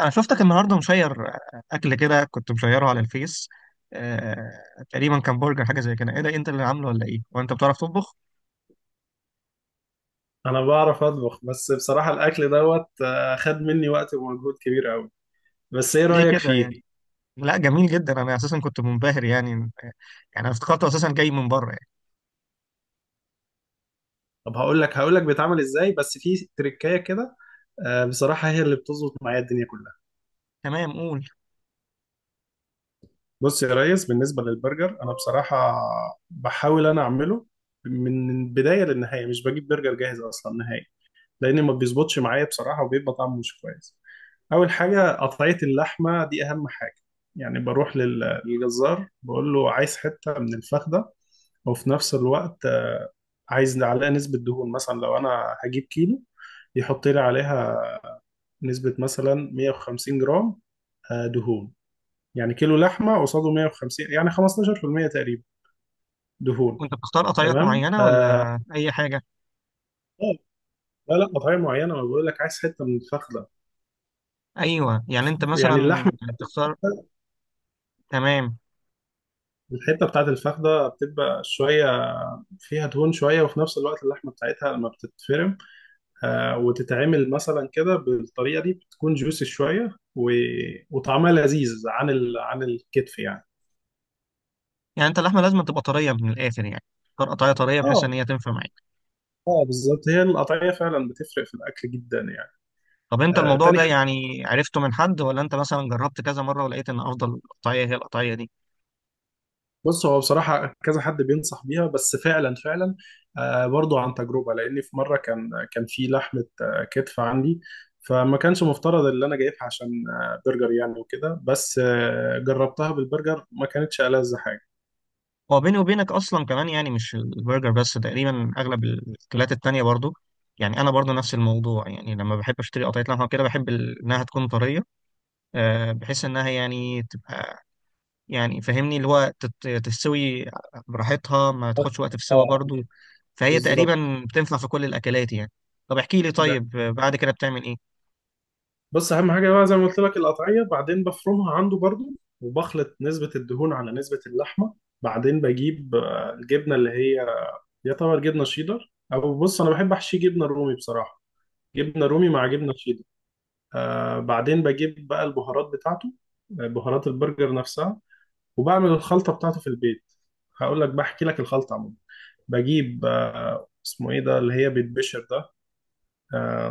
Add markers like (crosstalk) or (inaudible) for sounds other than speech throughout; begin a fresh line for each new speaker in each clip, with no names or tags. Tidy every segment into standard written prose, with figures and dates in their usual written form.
انا شفتك النهارده مشير اكل كده، كنت مشيره على الفيس. آه، تقريبا كان برجر، حاجه زي كده. ايه ده؟ إيه انت اللي عامله ولا ايه؟ وانت بتعرف تطبخ؟
انا بعرف اطبخ، بس بصراحة الاكل دوت خد مني وقت ومجهود كبير قوي. بس ايه
ليه
رأيك
كده
فيه؟
يعني؟ لا، جميل جدا. انا اساسا كنت منبهر يعني. انا افتكرته اساسا جاي من بره يعني.
طب هقول لك بيتعمل ازاي، بس في تريكاية كده. بصراحة هي اللي بتظبط معايا الدنيا كلها.
تمام، قول.
بص يا ريس، بالنسبة للبرجر انا بصراحة بحاول انا اعمله من البداية للنهاية، مش بجيب برجر جاهز اصلا نهائي، لان ما بيظبطش معايا بصراحة وبيبقى طعمه مش كويس. اول حاجه قطعيه اللحمه دي اهم حاجه. يعني بروح للجزار بقول له عايز حته من الفخده، وفي نفس الوقت عايز عليها نسبة دهون. مثلا لو أنا هجيب كيلو، يحط لي عليها نسبة مثلا 150 جرام، دهون. يعني كيلو لحمة قصاده 150، يعني 15% تقريبا دهون.
وانت بتختار قطعيات
تمام.
معينه
آه.
ولا اي حاجه؟
لا قطعية معينة، ما بقول لك عايز حتة من الفخدة.
ايوه، يعني انت
يعني
مثلا
اللحمة،
بتختار. تمام.
الحتة بتاعت الفخدة بتبقى شوية فيها دهون شوية، وفي نفس الوقت اللحمة بتاعتها لما بتتفرم وتتعمل مثلا كده بالطريقه دي بتكون جوسي شويه وطعمها لذيذ عن عن الكتف يعني.
يعني انت اللحمه لازم تبقى طريه من الاخر يعني، تختار قطعيه طريه بحيث
اه.
ان هي تنفع معاك.
اه بالظبط، هي القطعيه فعلا بتفرق في الاكل جدا يعني.
طب انت
آه،
الموضوع
تاني
ده
حاجه،
يعني عرفته من حد، ولا انت مثلا جربت كذا مره ولقيت ان افضل قطعيه هي القطعيه دي؟
بص، هو بصراحه كذا حد بينصح بيها، بس فعلا آه برضو عن تجربه. لاني في مره كان في لحمه آه كتف عندي، فما كانش مفترض اللي انا جايبها عشان آه برجر يعني وكده، بس آه جربتها بالبرجر ما كانتش ألذ حاجه.
هو بيني وبينك اصلا كمان، يعني مش البرجر بس، تقريبا اغلب الاكلات التانية برضو. يعني انا برضو نفس الموضوع، يعني لما بحب اشتري قطعيه لحمه كده بحب انها تكون طريه. بحيث انها يعني تبقى، يعني فاهمني اللي هو تستوي براحتها، ما
اه.
تاخدش وقت في السوا
آه،
برضو. فهي
بالظبط.
تقريبا بتنفع في كل الاكلات يعني. طب احكي لي طيب، بعد كده بتعمل ايه؟
بص، اهم حاجه بقى زي ما قلت لك القطعيه، بعدين بفرمها عنده برضو وبخلط نسبه الدهون على نسبه اللحمه. بعدين بجيب الجبنه اللي هي يعتبر جبنه شيدر، او بص انا بحب احشي جبنه رومي بصراحه، جبنه رومي مع جبنه شيدر. آه، بعدين بجيب بقى البهارات بتاعته، بهارات البرجر نفسها، وبعمل الخلطه بتاعته في البيت. هقول لك، بحكي لك الخلطه عموما. بجيب اسمه ايه ده، اللي هي بيتبشر ده، آه،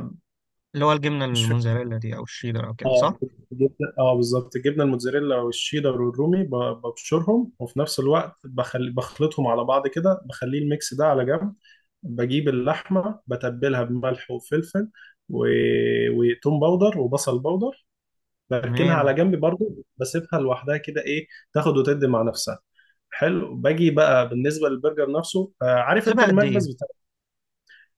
اللي هو الجبنه
مش،
الموزاريلا دي، او الشيدر او كده، صح؟
اه، اه بالظبط، الجبنه الموتزاريلا والشيدر والرومي، ببشرهم وفي نفس الوقت بخلطهم على بعض كده، بخلي الميكس ده على جنب. بجيب اللحمه بتبلها بملح وفلفل و... وتوم باودر وبصل باودر. بركنها
تمام.
على جنب برضو، بسيبها لوحدها كده، ايه، تاخد وتدي مع نفسها. حلو. باجي بقى بالنسبه للبرجر نفسه. عارف انت
بتسيبها قد ايه؟
المكبس بتاع؟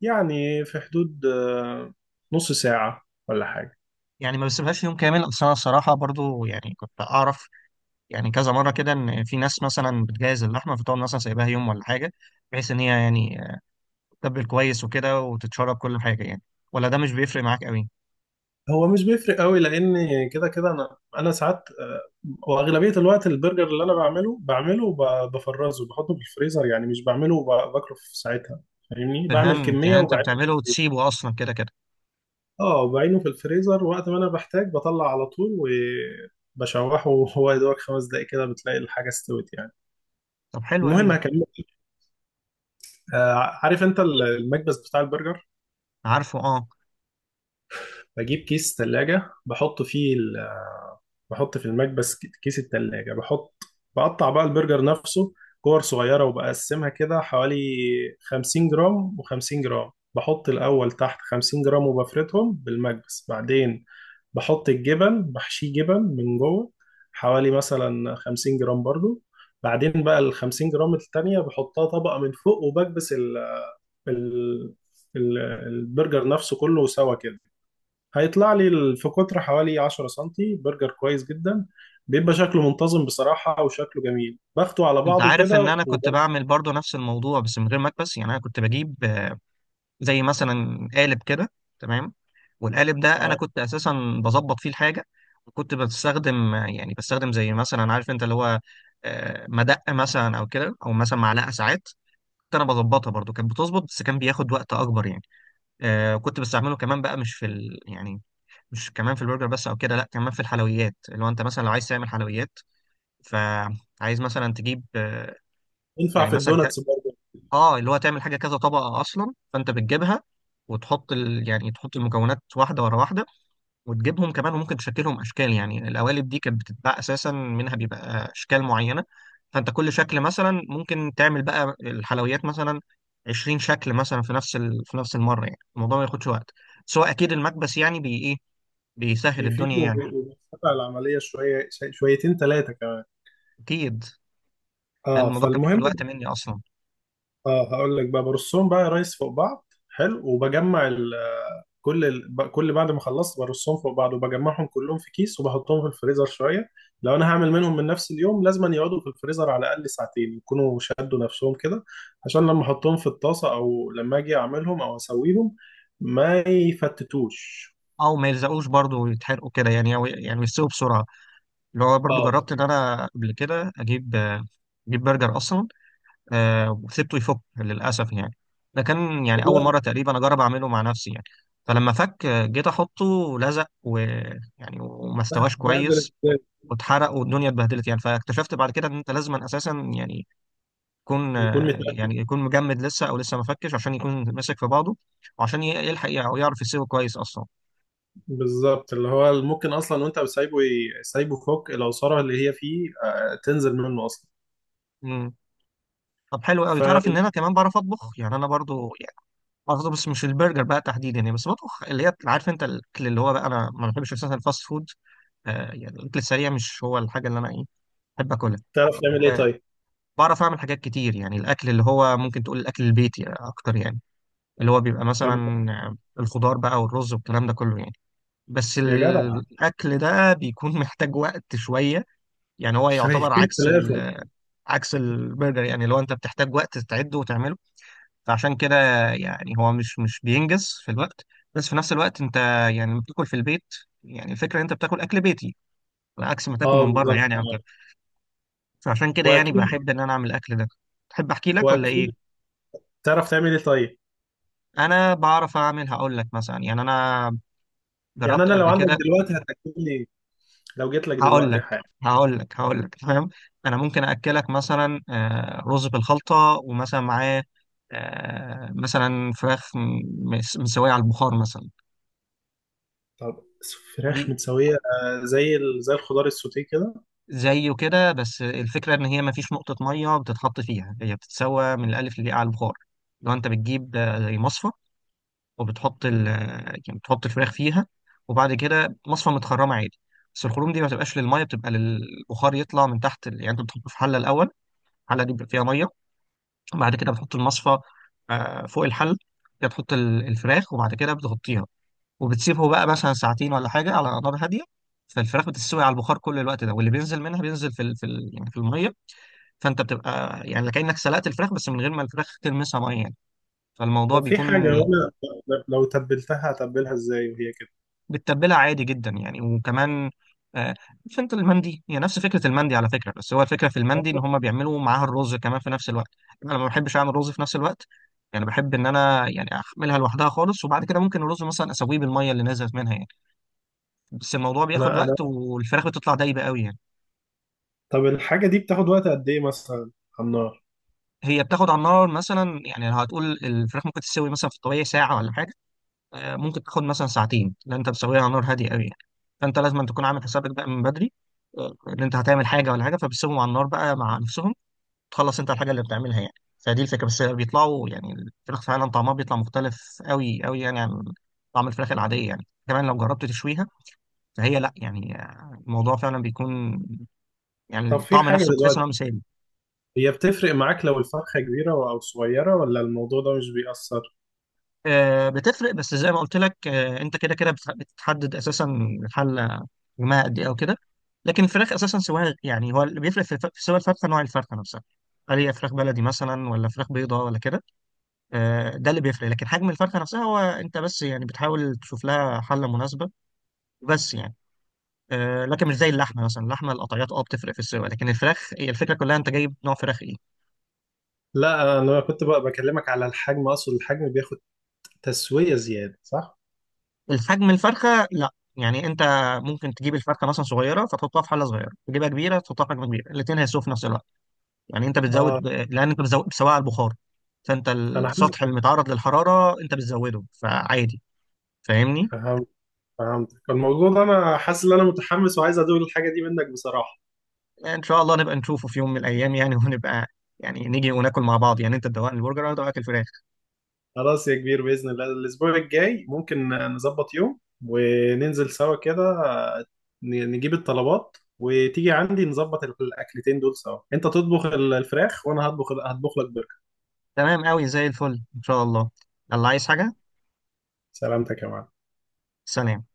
يعني في حدود نص ساعه ولا حاجه.
يعني ما بسيبهاش يوم كامل، اصل انا الصراحه برضو يعني كنت اعرف، يعني كذا مره كده، ان في ناس مثلا بتجهز اللحمه فتقعد مثلا سايباها يوم ولا حاجه، بحيث ان هي يعني تتبل كويس وكده وتتشرب كل حاجه يعني. ولا ده مش بيفرق معاك قوي؟
هو مش بيفرق قوي، لان كده كده انا ساعات، واغلبيه الوقت البرجر اللي انا بعمله بعمله وبفرزه بحطه في الفريزر، يعني مش بعمله وباكله في ساعتها. فاهمني، بعمل
فهمت،
كميه
يعني انت
وبعينه في
بتعمله
الفريزر.
وتسيبه اصلا كده كده.
اه، بعينه في الفريزر، وقت ما انا بحتاج بطلع على طول وبشوحه، وهو يا دوبك خمس دقايق كده بتلاقي الحاجه استوت يعني.
طب حلو
المهم،
قوي.
هكمل. آه، عارف انت المكبس بتاع البرجر؟
عارفه، اه.
بجيب كيس ثلاجه بحط فيه، بحط في المكبس كيس التلاجة، بحط، بقطع بقى البرجر نفسه كور صغيرة وبقسمها كده حوالي 50 جرام و50 جرام. بحط الأول تحت 50 جرام وبفردهم بالمكبس، بعدين بحط الجبن بحشيه جبن من جوه، حوالي مثلا 50 جرام برضو. بعدين بقى ال 50 جرام التانية بحطها طبقة من فوق، وبكبس ال ال- البرجر نفسه كله سوا كده. هيطلع لي في قطر حوالي 10 سنتي برجر كويس جدا، بيبقى شكله منتظم بصراحة وشكله جميل، باخده على
انت
بعضه
عارف ان
كده.
انا كنت
وبرضه
بعمل برضو نفس الموضوع بس من غير مكبس؟ يعني انا كنت بجيب زي مثلا قالب كده. تمام. والقالب ده انا
آه،
كنت اساسا بظبط فيه الحاجه. وكنت بستخدم زي مثلا عارف انت اللي هو، مدق مثلا او كده، او مثلا معلقه ساعات. كنت انا بظبطها برضو، كانت بتظبط بس كان بياخد وقت اكبر يعني. كنت بستعمله كمان بقى مش في يعني مش كمان في البرجر بس او كده، لا كمان في الحلويات، اللي هو انت مثلا لو عايز تعمل حلويات فعايز مثلا تجيب.
ينفع
يعني
في
مثلا،
الدوناتس برضه.
اه اللي هو تعمل حاجه كذا طبقه اصلا، فانت بتجيبها وتحط يعني تحط المكونات واحده ورا واحده، وتجيبهم كمان وممكن تشكلهم اشكال. يعني القوالب دي كانت بتتباع اساسا منها بيبقى اشكال معينه، فانت كل شكل مثلا ممكن تعمل بقى الحلويات مثلا 20 شكل مثلا في نفس المره، يعني الموضوع ما ياخدش وقت، سواء اكيد المكبس يعني بي ايه بيسهل الدنيا
بيفيد
يعني.
وبيفتح العملية شوية شويتين ثلاثة كمان.
اكيد. لان
اه،
الموضوع كان بياخد وقت
فالمهم،
مني اصلا.
اه، هقول لك بقى برصهم بقى يا ريس فوق بعض حلو، وبجمع ال، كل ال، ب- كل بعد ما خلصت برصهم فوق بعض وبجمعهم كلهم في كيس وبحطهم في الفريزر شويه. لو انا هعمل منهم من نفس اليوم، لازم يقعدوا في الفريزر على الاقل ساعتين يكونوا شدوا نفسهم كده، عشان لما احطهم في الطاسه او لما اجي اعملهم او اسويهم ما يفتتوش.
او ما يلزقوش برضه ويتحرقوا كده يعني، أو يعني يستووا بسرعه. اللي هو برضو
اه.
جربت ان انا قبل كده اجيب، اجيب برجر اصلا. وسبته يفك للاسف يعني. ده كان يعني اول
لا،
مره تقريبا اجرب اعمله مع نفسي يعني. فلما فك، جيت احطه لزق، ويعني وما استواش
بعد
كويس،
الاحتكاك
واتحرق والدنيا اتبهدلت يعني. فاكتشفت بعد كده ان انت لازم اساسا يعني يكون،
يكون
آه،
متاكد.
يعني يكون مجمد لسه، او لسه ما فكش عشان يكون ماسك في بعضه. وعشان يلحق او يعرف يسيبه كويس اصلا.
بالظبط، اللي هو ممكن اصلا وانت سايبه فوق العصاره اللي هي فيه آه، تنزل منه اصلا.
مم. طب حلو قوي. تعرف
فتعرف
ان انا كمان بعرف اطبخ؟ يعني انا برضو، قصدي بس مش البرجر بقى تحديدا، يعني بس بطبخ اللي هي عارف انت الاكل اللي هو بقى، انا ما بحبش اساسا الفاست فود. يعني الاكل السريع مش هو الحاجه اللي انا ايه بحب اكلها.
تعمل ايه
آه،
طيب؟
بعرف اعمل حاجات كتير يعني، الاكل اللي هو ممكن تقول الاكل البيتي اكتر يعني، اللي هو بيبقى
طب
مثلا. الخضار بقى والرز والكلام ده كله يعني. بس
يا جدع،
الاكل ده بيكون (laughs) محتاج وقت شويه. يعني هو يعتبر
شهيتين
عكس
ثلاثة.
عكس البرجر يعني، لو انت بتحتاج وقت تعده وتعمله، فعشان كده يعني هو مش بينجز في الوقت. بس في نفس الوقت انت، يعني لما بتاكل في البيت، يعني الفكره ان انت بتاكل اكل بيتي، عكس ما تاكل
اه
من بره
بالظبط.
يعني، عن كده.
آه.
فعشان كده يعني
واكيد.
بحب ان انا اعمل الاكل ده. تحب احكي لك ولا ايه؟
واكيد. تعرف تعمل ايه طيب؟
انا بعرف اعمل. هقول لك مثلا، يعني انا
يعني
جربت
انا لو
قبل
عندك
كده.
دلوقتي هتاكل لي؟ لو جيت لك
هقول
دلوقتي
لك
حاجة؟
هقول لك. تمام. انا ممكن اكلك مثلا، رز بالخلطه ومثلا معاه، مثلا فراخ مسويه على البخار مثلا.
طب،
دي
فراخ متسوية آه، زي زي الخضار السوتيه كده؟
زيه كده، بس الفكرة إن هي مفيش نقطة مية بتتحط فيها، هي بتتسوى من الألف للياء على البخار. لو أنت بتجيب زي مصفى، وبتحط ال آه، يعني بتحط الفراخ فيها، وبعد كده مصفى متخرمة عادي. بس الخروم دي ما بتبقاش للمية، بتبقى للبخار يطلع من تحت يعني أنت بتحطه في حلة الأول، الحلة دي بيبقى فيها مية، وبعد كده بتحط المصفى فوق الحل، كده تحط الفراخ وبعد كده بتغطيها، وبتسيبه بقى مثلا ساعتين ولا حاجة على نار هادية. فالفراخ بتستوي على البخار كل الوقت ده، واللي بينزل منها بينزل في المية. فانت بتبقى يعني كأنك سلقت الفراخ بس من غير ما الفراخ تلمسها ميه يعني. فالموضوع
طب في
بيكون.
حاجة، وانا، لو تبلتها هتبلها ازاي وهي كده؟
بتتبلها عادي جدا يعني، وكمان آه، عارف انت المندي؟ هي نفس فكره المندي على فكره، بس هو الفكره في المندي ان هم بيعملوا معاها الرز كمان في نفس الوقت. انا ما بحبش اعمل رز في نفس الوقت، يعني بحب ان انا يعني احملها لوحدها خالص، وبعد كده ممكن الرز مثلا اسويه بالميه اللي نزلت منها يعني. بس الموضوع بياخد
انا
وقت، والفراخ بتطلع دايبه قوي يعني.
طب الحاجة دي بتاخد وقت قد ايه مثلا على النار؟
هي بتاخد على النار مثلا، يعني لو هتقول الفراخ ممكن تستوي مثلا في الطبيعي ساعه ولا حاجه، ممكن تاخد مثلا ساعتين، لان انت بتسويها على نار هاديه قوي يعني. فانت لازم أن تكون عامل حسابك بقى من بدري، ان انت هتعمل حاجه ولا حاجه، فبتسيبهم على النار بقى مع نفسهم، تخلص انت الحاجه اللي بتعملها يعني. فدي الفكره. بس بيطلعوا يعني الفراخ فعلا طعمها بيطلع مختلف قوي قوي يعني، عن طعم الفراخ العاديه يعني كمان لو جربت تشويها. فهي لا يعني، الموضوع فعلا بيكون، يعني
طب في
الطعم
حاجة
نفسه بتحس
دلوقتي،
انه مثالي.
هي بتفرق معاك لو الفرخة كبيرة او صغيرة، ولا الموضوع ده مش بيأثر؟
بتفرق، بس زي ما قلت لك، انت كده كده بتحدد اساسا الحله، جماعه قد ايه او كده. لكن الفراخ اساسا سواها، يعني هو اللي بيفرق في سوى الفرخه نوع الفرخه نفسها. هل هي فراخ بلدي مثلا ولا فراخ بيضاء ولا كده. ده اللي بيفرق، لكن حجم الفرخه نفسها هو انت بس يعني بتحاول تشوف لها حله مناسبه. بس يعني، لكن مش زي اللحمه مثلا، اللحمه القطعيات بتفرق في السوى، لكن الفراخ هي الفكره كلها انت جايب نوع فراخ ايه.
لا، انا كنت بقى بكلمك على الحجم، اقصد الحجم بياخد تسوية زيادة صح؟
الحجم الفرخه لا يعني انت ممكن تجيب الفرخه مثلا صغيره فتحطها في حله صغيره، تجيبها كبيره تحطها في حجم كبير، الاثنين هيسوا في نفس الوقت. يعني انت بتزود
اه.
لان انت بتزود بتسويها على البخار. فانت
انا حاسس،
السطح المتعرض للحراره انت بتزوده، فعادي. فاهمني.
فهمت، فهمتك. الموضوع ده انا حاسس ان انا متحمس وعايز ادوق الحاجة دي منك بصراحة.
ان شاء الله نبقى نشوفه في يوم من الايام يعني (laughs) ونبقى، يعني نيجي وناكل مع بعض، يعني انت تدوقني البرجر وانا ادوقك الفراخ.
خلاص يا كبير، بإذن الله الاسبوع الجاي ممكن نظبط يوم وننزل سوا كده، نجيب الطلبات وتيجي عندي نظبط الاكلتين دول سوا، انت تطبخ الفراخ وانا هطبخ لك برجر.
تمام قوي، زي الفل ان شاء الله. الله، عايز حاجه؟
سلامتك يا معلم.
سلام.